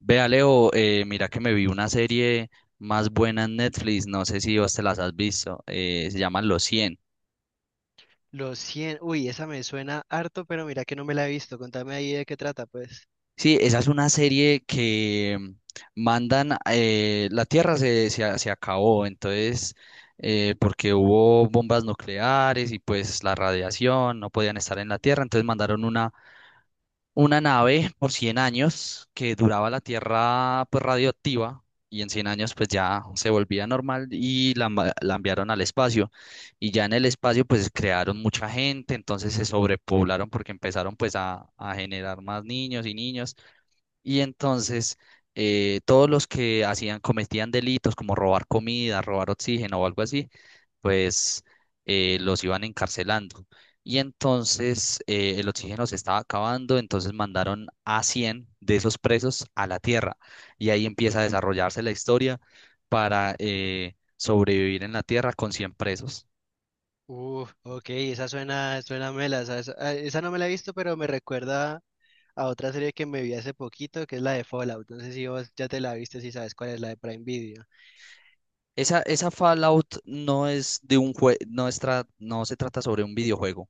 Vea, Leo, mira que me vi una serie más buena en Netflix, no sé si vos te las has visto, se llaman Los Cien. Los 100 uy, esa me suena harto, pero mira que no me la he visto. Contame ahí de qué trata, pues. Sí, esa es una serie que mandan, la Tierra se acabó, entonces, porque hubo bombas nucleares y pues la radiación, no podían estar en la Tierra, entonces mandaron una nave por 100 años, que duraba la Tierra pues radioactiva, y en 100 años pues ya se volvía normal, y la enviaron al espacio. Y ya en el espacio pues crearon mucha gente, entonces se sobrepoblaron porque empezaron pues a generar más niños y niños. Y entonces todos los que hacían cometían delitos, como robar comida, robar oxígeno o algo así, pues los iban encarcelando. Y entonces el oxígeno se estaba acabando, entonces mandaron a 100 de esos presos a la Tierra. Y ahí empieza a desarrollarse la historia para sobrevivir en la Tierra con 100 presos. Uf, ok, esa suena, suena mela. Esa no me la he visto, pero me recuerda a otra serie que me vi hace poquito, que es la de Fallout. No sé si vos ya te la viste, si sabes cuál es la de Prime Video. Esa Fallout no es de un jue- no, es tra- no se trata sobre un videojuego.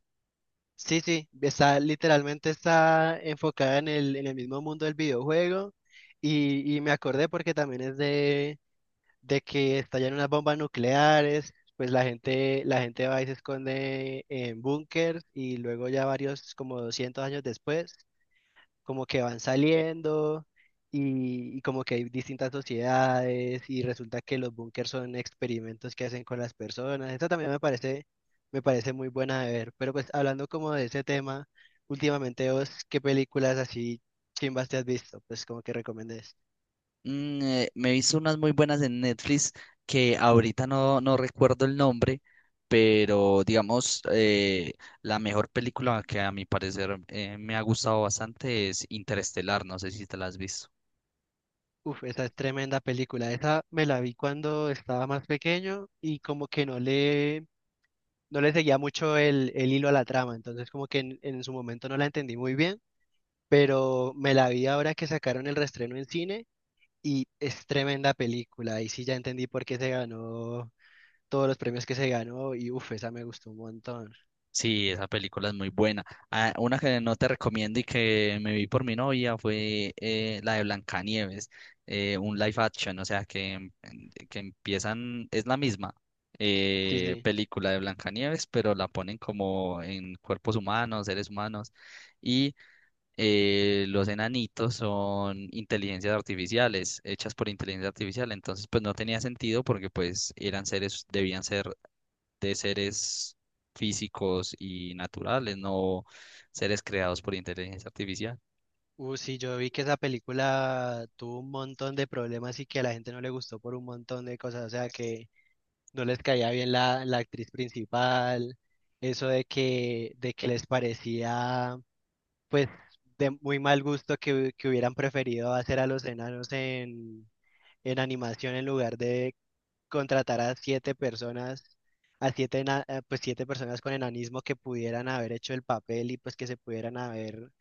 Sí, sí, está literalmente está enfocada en el mismo mundo del videojuego. Y me acordé porque también es de que estallan unas bombas nucleares, pues la gente va y se esconde en búnkers y luego ya varios, como 200 años después, como que van saliendo y como que hay distintas sociedades y resulta que los búnkers son experimentos que hacen con las personas. Esto también me parece, Me parece muy buena de ver, pero pues hablando como de ese tema, últimamente vos, ¿qué películas así chimbas te has visto? Pues como que recomendés. Me he visto unas muy buenas en Netflix que ahorita no recuerdo el nombre, pero digamos, la mejor película que a mi parecer, me ha gustado bastante, es Interestelar. No sé si te la has visto. Uf, esa es tremenda película. Esa me la vi cuando estaba más pequeño y como que no le seguía mucho el hilo a la trama. Entonces como que en su momento no la entendí muy bien, pero me la vi ahora que sacaron el reestreno en cine y es tremenda película. Y sí ya entendí por qué se ganó todos los premios que se ganó y uf, esa me gustó un montón. Sí, esa película es muy buena. Ah, una que no te recomiendo y que me vi por mi novia fue la de Blancanieves, un live action. O sea, que empiezan, es la misma Sí, sí. película de Blancanieves, pero la ponen como en cuerpos humanos, seres humanos, y los enanitos son inteligencias artificiales, hechas por inteligencia artificial, entonces pues no tenía sentido, porque pues eran seres, debían ser de seres físicos y naturales, no seres creados por inteligencia artificial. Sí, yo vi que esa película tuvo un montón de problemas y que a la gente no le gustó por un montón de cosas. O sea que no les caía bien la actriz principal, eso de que les parecía pues de muy mal gusto que hubieran preferido hacer a los enanos en animación en lugar de contratar a 7 personas, a 7, 7 personas con enanismo que pudieran haber hecho el papel y pues que se pudieran haber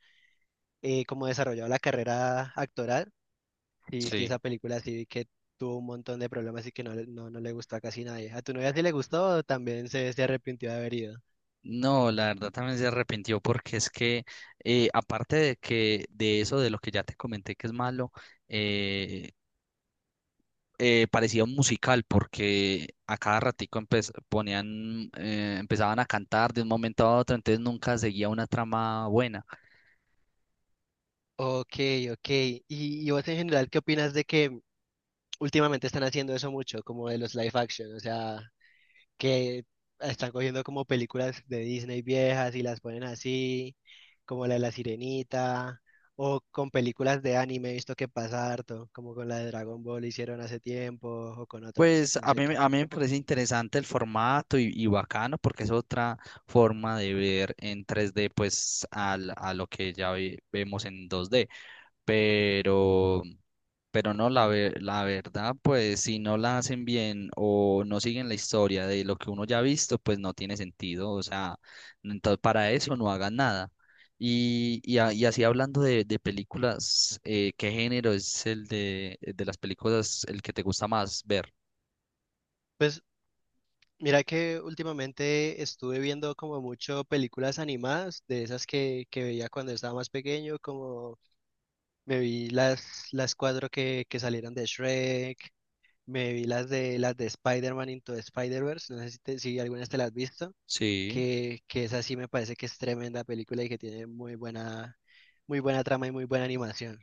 como desarrollado la carrera actoral. Sí, sí, Sí. esa película sí vi que tuvo un montón de problemas y que no le gustó a casi nadie. ¿A tu novia sí le gustó o también se arrepintió de haber ido? No, la verdad también se arrepintió porque es que aparte de que de eso, de lo que ya te comenté que es malo, eh, parecía un musical, porque a cada ratico ponían, empezaban a cantar de un momento a otro, entonces nunca seguía una trama buena. Ok, ok. ¿Y vos en general qué opinas de que últimamente están haciendo eso mucho, como de los live action? O sea, que están cogiendo como películas de Disney viejas y las ponen así, como la de La Sirenita, o con películas de anime, he visto que pasa harto, como con la de Dragon Ball hicieron hace tiempo, o con otras, Pues no sé qué. a mí me parece interesante el formato y bacano, porque es otra forma de ver en 3D pues a lo que ya vemos en 2D. Pero, pero no, la verdad, pues si no la hacen bien o no siguen la historia de lo que uno ya ha visto, pues no tiene sentido. O sea, entonces para eso no hagan nada. Y así hablando de, películas, ¿qué género es el de las películas el que te gusta más ver? Pues mira que últimamente estuve viendo como mucho películas animadas, de esas que veía cuando estaba más pequeño, como me vi las, las 4 que salieron de Shrek, me vi las de Spider-Man Into the Spider-Verse, no sé si, si algunas te las has visto, Sí, que esa sí me parece que es tremenda película y que tiene muy buena trama y muy buena animación.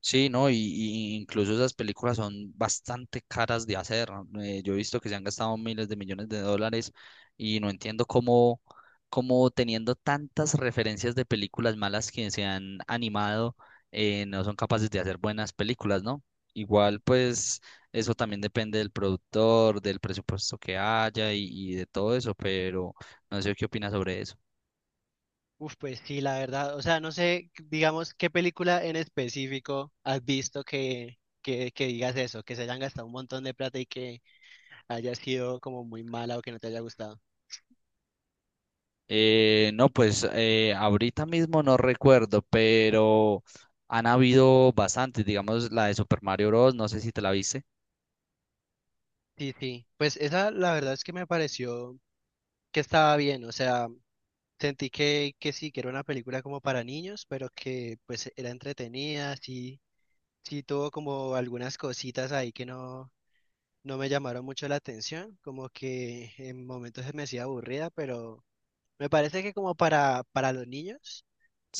sí, no, y incluso esas películas son bastante caras de hacer, ¿no? Yo he visto que se han gastado miles de millones de dólares, y no entiendo cómo teniendo tantas referencias de películas malas que se han animado, no son capaces de hacer buenas películas, ¿no? Igual, pues, eso también depende del productor, del presupuesto que haya y de todo eso, pero no sé qué opinas sobre eso. Uf, pues sí, la verdad. O sea, no sé, digamos, qué película en específico has visto que digas eso, que se hayan gastado un montón de plata y que haya sido como muy mala o que no te haya gustado. No, pues ahorita mismo no recuerdo, pero han habido bastantes, digamos la de Super Mario Bros. No sé si te la viste. Sí, sí. Pues esa, la verdad es que me pareció que estaba bien. O sea, sentí que sí, que era una película como para niños, pero que pues era entretenida, sí, sí tuvo como algunas cositas ahí que no, no me llamaron mucho la atención, como que en momentos se me hacía aburrida, pero me parece que como para los niños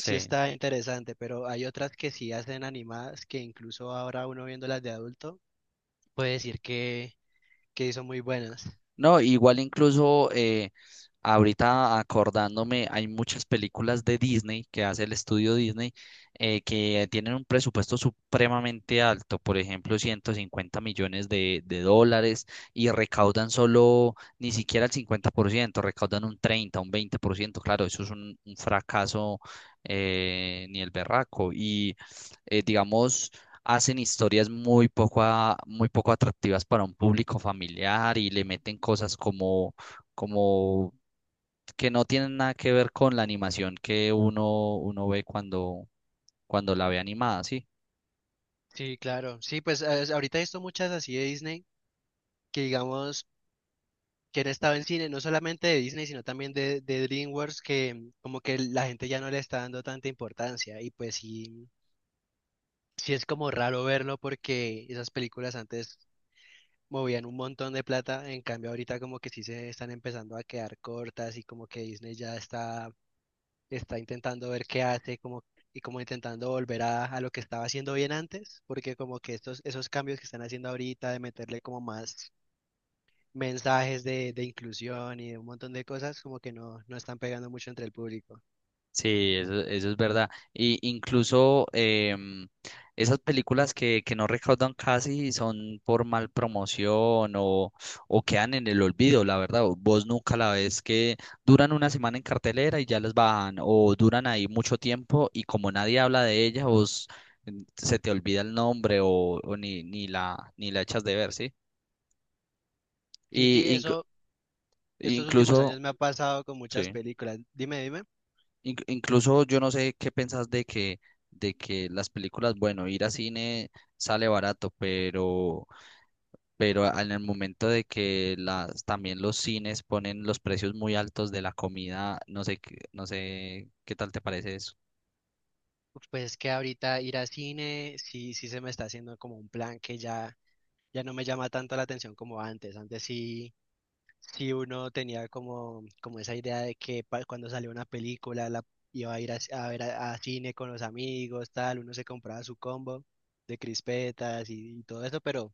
sí está interesante, pero hay otras que sí hacen animadas que incluso ahora uno viéndolas de adulto puede decir que son muy buenas. No, igual incluso ahorita acordándome, hay muchas películas de Disney que hace el estudio Disney, que tienen un presupuesto supremamente alto, por ejemplo, 150 millones de dólares, y recaudan solo ni siquiera el 50%, recaudan un 30, un 20%. Claro, eso es un fracaso, ni el berraco. Y digamos, hacen historias muy poco, muy poco atractivas para un público familiar, y le meten cosas como que no tienen nada que ver con la animación que uno ve cuando la ve animada, ¿sí? Sí, claro. Sí, pues ahorita he visto muchas así de Disney que digamos que han estado en cine, no solamente de Disney, sino también de DreamWorks, que como que la gente ya no le está dando tanta importancia y pues sí, sí es como raro verlo porque esas películas antes movían un montón de plata, en cambio ahorita como que sí se están empezando a quedar cortas y como que está intentando ver qué hace como, y como intentando volver a lo que estaba haciendo bien antes, porque como que esos cambios que están haciendo ahorita de meterle como más mensajes de inclusión y de un montón de cosas como que no, no están pegando mucho entre el público. Sí, eso es verdad. Y incluso em, esas películas que no recaudan casi son por mal promoción, o quedan en el olvido, la verdad. O vos nunca la ves, que duran una semana en cartelera y ya las bajan, o duran ahí mucho tiempo y como nadie habla de ellas, vos, se te olvida el nombre, o ni la echas de ver, ¿sí? Y Sí, sí, eso estos últimos incluso, años me ha pasado con muchas sí. películas. Dime, dime. Incluso, yo no sé qué pensás de que las películas, bueno, ir a cine sale barato, pero en el momento de que también los cines ponen los precios muy altos de la comida. No sé, no sé qué tal te parece eso. Pues es que ahorita ir al cine, sí, sí se me está haciendo como un plan que ya no me llama tanto la atención como antes. Antes sí, sí uno tenía como, como esa idea de que cuando salió una película la iba a ir a ver a cine con los amigos, tal, uno se compraba su combo de crispetas y todo eso, pero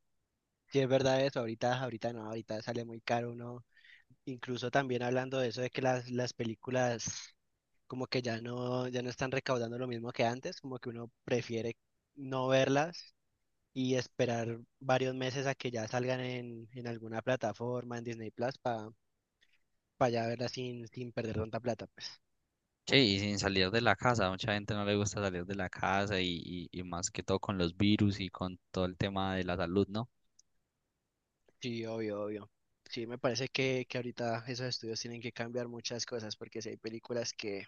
sí es verdad eso, ahorita no, ahorita sale muy caro uno. Incluso también hablando de eso de que las películas como que ya no están recaudando lo mismo que antes, como que uno prefiere no verlas y esperar varios meses a que ya salgan en alguna plataforma, en Disney Plus, para ya verla sin, sin perder tanta plata, pues. Sí, y sin salir de la casa, a mucha gente no le gusta salir de la casa, y más que todo con los virus y con todo el tema de la salud, ¿no? Sí, obvio, obvio. Sí, me parece que ahorita esos estudios tienen que cambiar muchas cosas, porque si hay películas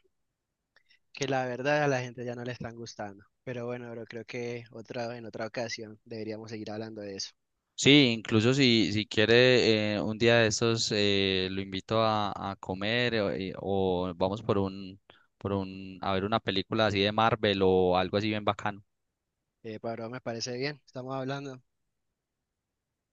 que la verdad a la gente ya no le están gustando. Pero bueno, bro, creo que otra, en otra ocasión deberíamos seguir hablando de eso. Sí, incluso si quiere, un día de estos, lo invito a comer, o vamos por un a ver una película así de Marvel o algo así bien bacano. Pablo, me parece bien, estamos hablando.